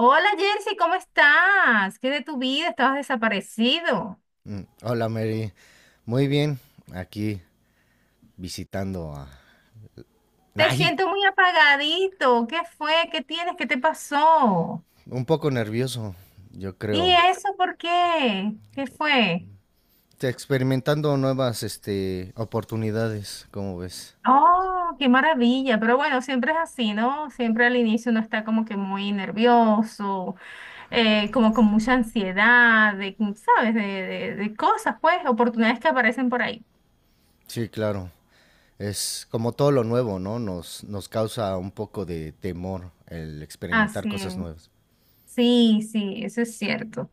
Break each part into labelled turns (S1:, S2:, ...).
S1: Hola Jersey, ¿cómo estás? ¿Qué de tu vida? Estabas desaparecido.
S2: Hola Mary, muy bien, aquí visitando a...
S1: Te
S2: Ay,
S1: siento muy apagadito. ¿Qué fue? ¿Qué tienes? ¿Qué te pasó?
S2: un poco nervioso, yo
S1: ¿Y
S2: creo.
S1: eso por qué? ¿Qué fue?
S2: Experimentando nuevas, oportunidades, ¿cómo ves?
S1: Oh, qué maravilla. Pero bueno, siempre es así, ¿no? Siempre al inicio uno está como que muy nervioso, como con mucha ansiedad, de, ¿sabes? De, de cosas, pues, oportunidades que aparecen por ahí.
S2: Sí, claro. Es como todo lo nuevo, ¿no? Nos causa un poco de temor el experimentar
S1: Así
S2: cosas
S1: es.
S2: nuevas.
S1: Sí, sí, eso es cierto.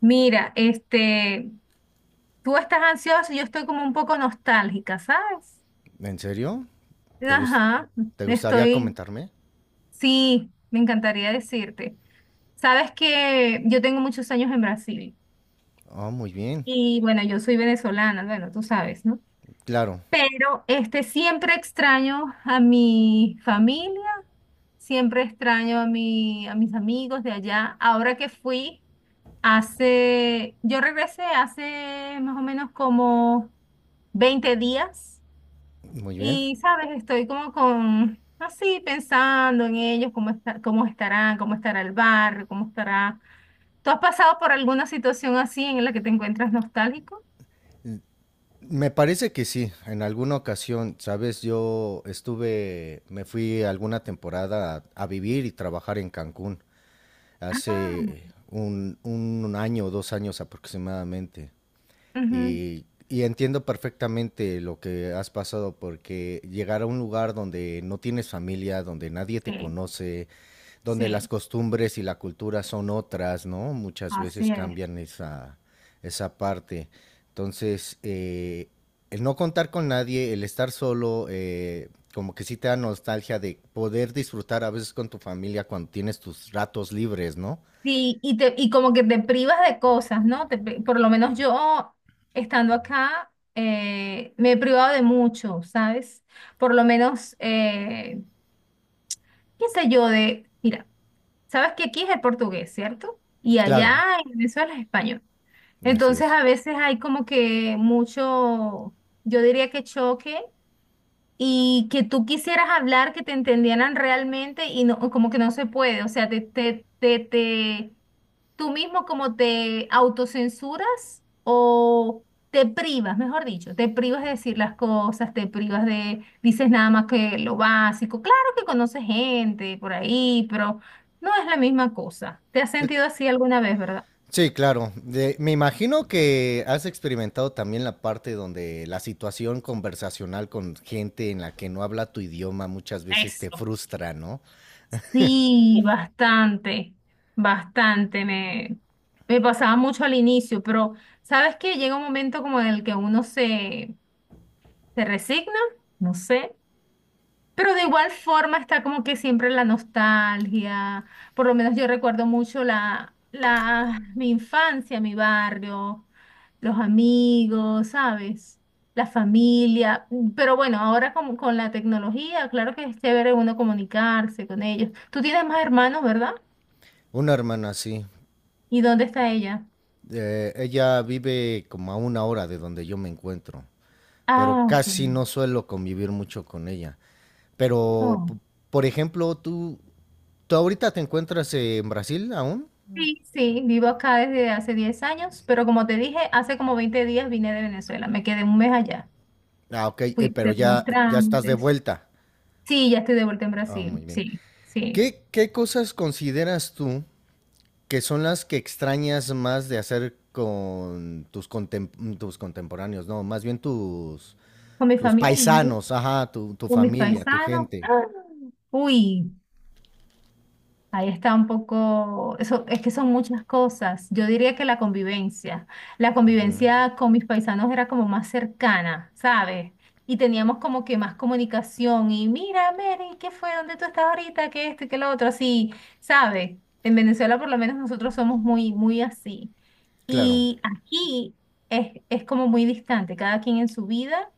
S1: Mira, este. Tú estás ansiosa y yo estoy como un poco nostálgica, ¿sabes?
S2: ¿En serio? ¿Te gust-
S1: Ajá,
S2: Te gustaría
S1: estoy,
S2: comentarme?
S1: sí, me encantaría decirte. Sabes que yo tengo muchos años en Brasil
S2: Oh, muy bien,
S1: y bueno, yo soy venezolana, bueno, tú sabes, ¿no?
S2: claro,
S1: Pero este siempre extraño a mi familia, siempre extraño a mis amigos de allá. Ahora que fui yo regresé hace más o menos como 20 días.
S2: muy bien.
S1: Y, sabes, estoy como con, así, pensando en ellos, cómo está, cómo estarán, cómo estará el barrio, cómo estará. ¿Tú has pasado por alguna situación así en la que te encuentras nostálgico?
S2: Me parece que sí, en alguna ocasión, sabes, yo estuve, me fui alguna temporada a vivir y trabajar en Cancún
S1: Ah.
S2: hace un año o dos años aproximadamente.
S1: Ujú.
S2: Y entiendo perfectamente lo que has pasado porque llegar a un lugar donde no tienes familia, donde nadie te
S1: Sí,
S2: conoce, donde las
S1: sí,
S2: costumbres y la cultura son otras, ¿no? Muchas veces
S1: así es.
S2: cambian esa parte. Entonces, el no contar con nadie, el estar solo, como que sí te da nostalgia de poder disfrutar a veces con tu familia cuando tienes tus ratos libres, ¿no?
S1: Sí, y, y como que te privas de cosas, ¿no? Por lo menos yo, estando acá, me he privado de mucho, ¿sabes? Por lo menos, qué sé yo, mira. Sabes que aquí es el portugués, ¿cierto? Y allá
S2: Claro,
S1: en Venezuela es español.
S2: así
S1: Entonces
S2: es.
S1: a veces hay como que mucho, yo diría que choque y que tú quisieras hablar, que te entendieran realmente y no, como que no se puede, o sea, tú mismo como te autocensuras o te privas, mejor dicho, te privas de decir las cosas, te privas de, dices nada más que lo básico. Claro que conoces gente por ahí, pero no es la misma cosa. ¿Te has
S2: Cl-
S1: sentido así alguna vez, verdad?
S2: Sí, claro. Me imagino que has experimentado también la parte donde la situación conversacional con gente en la que no habla tu idioma muchas veces te
S1: Eso.
S2: frustra, ¿no?
S1: Sí, bastante, bastante. Me pasaba mucho al inicio, pero sabes que llega un momento como en el que uno se resigna, no sé, pero de igual forma está como que siempre la nostalgia. Por lo menos yo recuerdo mucho mi infancia, mi barrio, los amigos, ¿sabes? La familia. Pero bueno, ahora con la tecnología, claro que es chévere uno comunicarse con ellos. Tú tienes más hermanos, ¿verdad?
S2: Una hermana, sí.
S1: ¿Y dónde está ella?
S2: Ella vive como a una hora de donde yo me encuentro, pero
S1: Ah, ok.
S2: casi no suelo convivir mucho con ella. Pero,
S1: Oh.
S2: p- por ejemplo, tú ahorita te encuentras en Brasil aún.
S1: Sí, sí, vivo acá desde hace 10 años, pero como te dije, hace como 20 días vine de Venezuela, me quedé un mes allá.
S2: Ah, ok,
S1: Fui a
S2: pero
S1: hacer unos
S2: ya estás de
S1: trámites.
S2: vuelta.
S1: Sí, ya estoy de vuelta en
S2: Ah, muy
S1: Brasil,
S2: bien.
S1: sí, sí.
S2: ¿ qué cosas consideras tú que son las que extrañas más de hacer con tus contemporáneos? No, más bien
S1: Con mi
S2: tus
S1: familia, mis amigos,
S2: paisanos, ajá, tu
S1: con mis
S2: familia, tu
S1: paisanos.
S2: gente.
S1: ¡Ah! Uy. Ahí está un poco, eso, es que son muchas cosas. Yo diría que la convivencia con mis paisanos era como más cercana, ¿sabes? Y teníamos como que más comunicación y mira, Mary, ¿qué fue? ¿Dónde tú estás ahorita? ¿Qué este, qué lo otro? Así, ¿sabes? En Venezuela por lo menos nosotros somos muy, muy así.
S2: Claro.
S1: Y aquí es como muy distante, cada quien en su vida.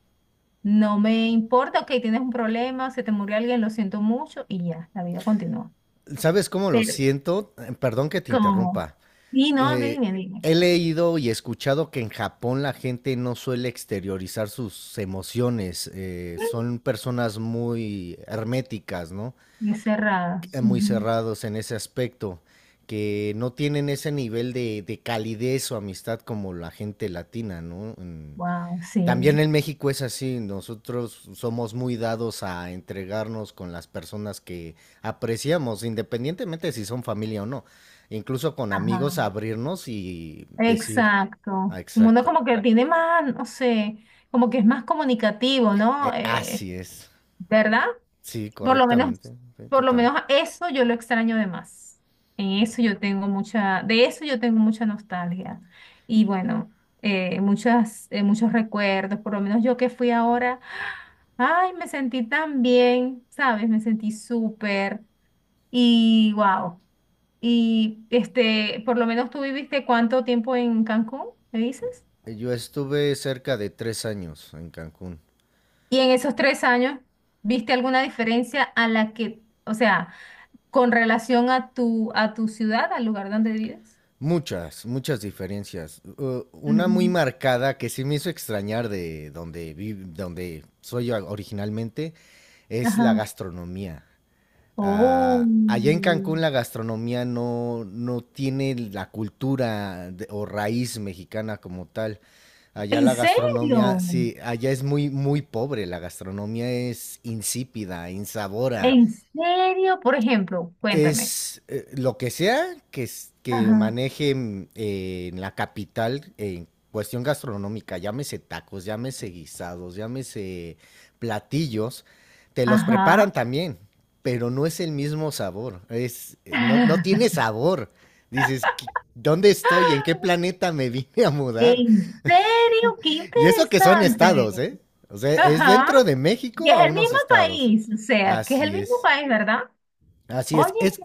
S1: No me importa, ok, tienes un problema, se te murió alguien, lo siento mucho y ya, la vida continúa.
S2: ¿Sabes cómo lo
S1: Pero
S2: siento? Perdón que te
S1: ¿cómo?
S2: interrumpa.
S1: Y no,
S2: Eh,
S1: dime, dime.
S2: He leído y escuchado que en Japón la gente no suele exteriorizar sus emociones. Son personas muy herméticas, ¿no?
S1: Y cerradas.
S2: Muy cerrados en ese aspecto, que no tienen ese nivel de calidez o amistad como la gente latina, ¿no?
S1: Wow,
S2: También
S1: sí.
S2: en México es así, nosotros somos muy dados a entregarnos con las personas que apreciamos, independientemente si son familia o no, incluso con
S1: Ajá.
S2: amigos abrirnos y decir, ah,
S1: Exacto. Un mundo
S2: exacto,
S1: como que tiene más, no sé, como que es más comunicativo, ¿no?
S2: así es,
S1: ¿Verdad?
S2: sí,
S1: Por lo menos,
S2: correctamente, sí,
S1: por lo
S2: total.
S1: menos eso yo lo extraño de más. En eso yo tengo mucha, De eso yo tengo mucha nostalgia. Y bueno, muchos recuerdos, por lo menos yo que fui ahora, ay, me sentí tan bien, ¿sabes? Me sentí súper y wow. Y este, por lo menos tú viviste cuánto tiempo en Cancún, ¿me dices?
S2: Yo estuve cerca de tres años en Cancún,
S1: Y en esos 3 años, ¿viste alguna diferencia a la que, o sea, con relación a tu ciudad, al lugar donde vives.
S2: muchas, muchas diferencias. Una muy
S1: Ujú.
S2: marcada que sí me hizo extrañar de donde donde soy originalmente es la
S1: Ajá.
S2: gastronomía.
S1: Oh,
S2: Ah, allá en Cancún la gastronomía no tiene la cultura o raíz mexicana como tal. Allá
S1: ¿en
S2: la gastronomía,
S1: serio?
S2: sí, allá es muy, muy pobre. La gastronomía es insípida, insabora,
S1: ¿En serio? Por ejemplo, cuéntame.
S2: es lo que sea que, que
S1: Ajá.
S2: maneje en la capital en cuestión gastronómica, llámese tacos, llámese guisados, llámese platillos, te los preparan
S1: Ajá.
S2: también, pero no es el mismo sabor, es, no, no tiene sabor. Dices, "¿Qué- ¿dónde estoy? ¿En qué planeta me vine a mudar?
S1: ¿En serio? ¡Qué
S2: Y eso que son
S1: interesante!
S2: estados, ¿eh? O sea, es
S1: Ajá.
S2: dentro de
S1: Y
S2: México
S1: es
S2: a
S1: el
S2: unos
S1: mismo
S2: estados.
S1: país, o sea, que es el
S2: Así
S1: mismo
S2: es.
S1: país, ¿verdad?
S2: Así
S1: Oye,
S2: es. Es.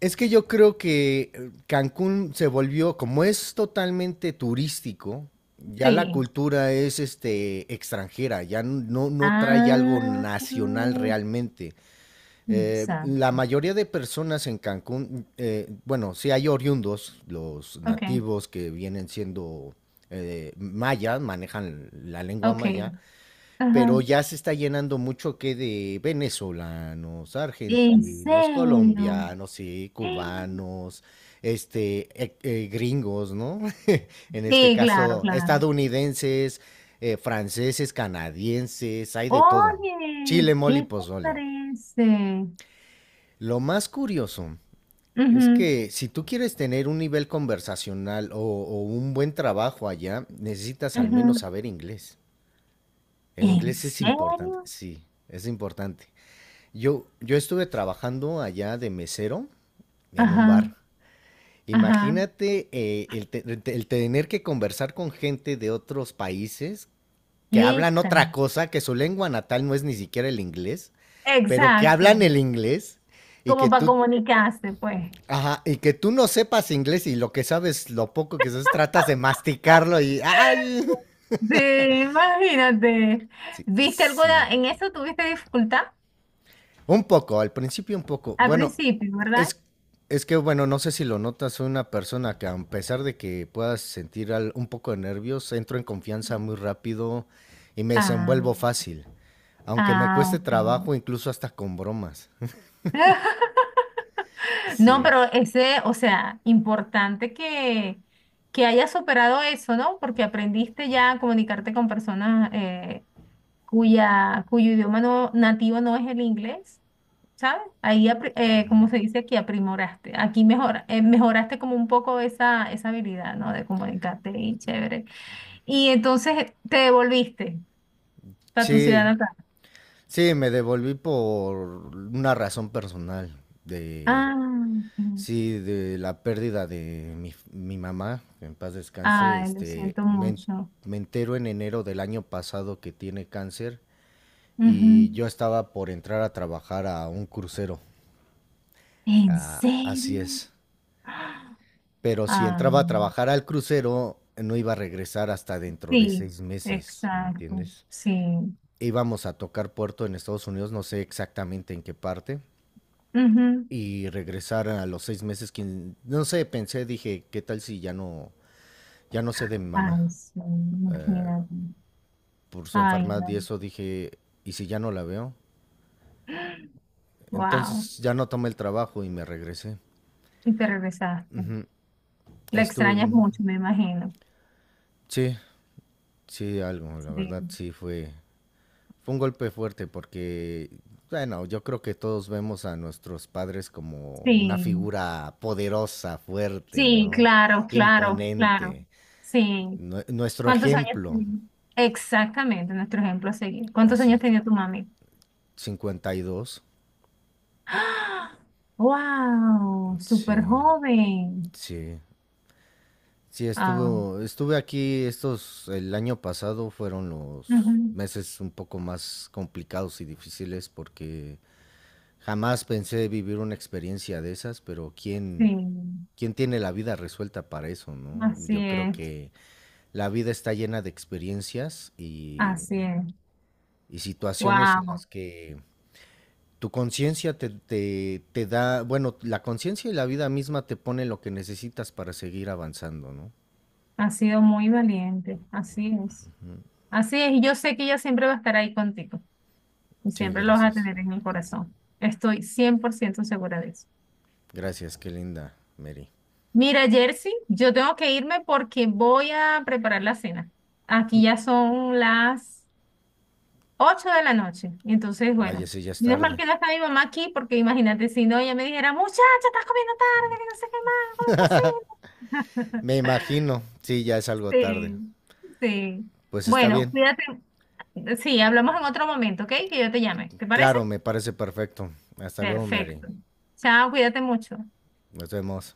S2: Es que yo creo que Cancún se volvió, como es totalmente turístico, ya la
S1: sí.
S2: cultura es este extranjera, ya no trae algo
S1: Ah,
S2: nacional
S1: o
S2: realmente.
S1: sea,
S2: La mayoría de personas en Cancún, bueno, sí hay oriundos, los
S1: ok,
S2: nativos que vienen siendo mayas, manejan la lengua
S1: ok.
S2: maya, pero
S1: Ajá.
S2: ya se está llenando mucho que de venezolanos,
S1: ¿En
S2: argentinos,
S1: serio?
S2: colombianos, sí, cubanos, gringos, ¿no? En este
S1: Sí, claro,
S2: caso,
S1: claro.
S2: estadounidenses, franceses, canadienses, hay de todo.
S1: Oye,
S2: Chile, mole y
S1: ¿qué te
S2: pozole.
S1: parece?
S2: Lo más curioso es
S1: Ujú,
S2: que si tú quieres tener un nivel conversacional o un buen trabajo allá, necesitas al menos
S1: ujú.
S2: saber inglés. El
S1: ¿En
S2: inglés es importante,
S1: serio?
S2: sí, es importante. Yo estuve trabajando allá de mesero en un
S1: Ajá,
S2: bar.
S1: ajá.
S2: Imagínate el tener que conversar con gente de otros países que
S1: ¿Qué
S2: hablan otra
S1: tal?
S2: cosa, que su lengua natal no es ni siquiera el inglés, pero que
S1: Exacto.
S2: hablan el inglés y que
S1: Como para
S2: tú,
S1: comunicarse, pues.
S2: ajá, y que tú no sepas inglés y lo que sabes, lo poco que sabes, tratas de masticarlo y, ay,
S1: Sí, imagínate.
S2: sí,
S1: ¿Viste
S2: sí.
S1: alguna, en eso tuviste dificultad
S2: Un poco, al principio un poco.
S1: al
S2: Bueno,
S1: principio, ¿verdad?
S2: es, es que, bueno, no sé si lo notas, soy una persona que a pesar de que puedas sentir un poco de nervios, entro en confianza muy rápido y me
S1: Ah,
S2: desenvuelvo fácil. Aunque me
S1: ah,
S2: cueste
S1: ok.
S2: trabajo, incluso hasta con bromas.
S1: No,
S2: Sí.
S1: pero ese, o sea, importante que hayas superado eso, ¿no? Porque aprendiste ya a comunicarte con personas cuyo idioma nativo no es el inglés, ¿sabes? Ahí, como se dice aquí, aprimoraste. Mejoraste como un poco esa habilidad, ¿no? De comunicarte y chévere. Y entonces te devolviste a tu ciudad
S2: Sí,
S1: natal.
S2: sí, me devolví por una razón personal de.
S1: Ah, ok.
S2: Sí, de la pérdida de mi mamá, que en paz descanse,
S1: Ay, lo siento mucho.
S2: me entero en enero del año pasado que tiene cáncer y
S1: Ujú.
S2: yo estaba por entrar a trabajar a un crucero.
S1: ¿En
S2: Ah, así
S1: serio?
S2: es. Pero si
S1: Ah,
S2: entraba a trabajar al crucero, no iba a regresar hasta dentro de
S1: sí,
S2: seis meses, ¿me
S1: exacto,
S2: entiendes?
S1: sí.
S2: Íbamos a tocar puerto en Estados Unidos, no sé exactamente en qué parte,
S1: Ujú.
S2: y regresar a los seis meses, no sé, pensé, dije, ¿qué tal si ya no ya no sé de mi mamá.
S1: Ay, sí,
S2: eh,
S1: imagínate.
S2: por su
S1: Ay,
S2: enfermedad y
S1: no.
S2: eso dije, ¿y si ya no la veo?
S1: Wow.
S2: Entonces ya no tomé el trabajo y me regresé.
S1: Y te regresaste. La
S2: Estuve,
S1: extrañas mucho, me imagino.
S2: sí, sí, algo, la verdad,
S1: Sí,
S2: sí fue, fue un golpe fuerte porque, bueno, yo creo que todos vemos a nuestros padres como una
S1: sí,
S2: figura poderosa, fuerte,
S1: sí,
S2: ¿no?
S1: claro, claro, claro.
S2: Imponente,
S1: Sí.
S2: nuestro
S1: ¿Cuántos años
S2: ejemplo,
S1: tenía? Exactamente, nuestro ejemplo a seguir. ¿Cuántos
S2: así,
S1: años tenía tu mami?
S2: 52,
S1: ¡Ah! ¡Wow! Súper
S2: sí,
S1: joven.
S2: sí. Sí,
S1: Ah.
S2: estuve, estuve aquí estos. El año pasado fueron los
S1: Ujú.
S2: meses un poco más complicados y difíciles porque jamás pensé vivir una experiencia de esas, pero
S1: Sí,
S2: ¿quién, quién tiene la vida resuelta para eso, no?
S1: así
S2: Yo creo
S1: es.
S2: que la vida está llena de experiencias
S1: Así es.
S2: y situaciones en
S1: Wow,
S2: las que tu conciencia te da, bueno, la conciencia y la vida misma te pone lo que necesitas para seguir avanzando, ¿no?
S1: ha sido muy valiente. Así es. Así es. Y yo sé que ella siempre va a estar ahí contigo y
S2: Sí,
S1: siempre lo vas a
S2: gracias.
S1: tener en el corazón. Estoy 100% segura de eso.
S2: Gracias, qué linda, Mary.
S1: Mira, Jersey, yo tengo que irme porque voy a preparar la cena. Aquí ya son las 8 de la noche, entonces,
S2: Vaya,
S1: bueno,
S2: sí, ya es
S1: menos mal
S2: tarde.
S1: que no está mi mamá aquí porque imagínate si no, ella me dijera, muchacha, estás comiendo tarde, que no sé qué más, ¿cómo
S2: Me imagino, sí, ya es
S1: es
S2: algo
S1: posible?
S2: tarde.
S1: Sí, sí.
S2: Pues está
S1: Bueno,
S2: bien.
S1: cuídate. Sí, hablamos en otro momento, ¿ok? Que yo te llame. ¿Te parece?
S2: Claro, me parece perfecto. Hasta luego, Mary.
S1: Perfecto. Chao, cuídate mucho.
S2: Nos vemos.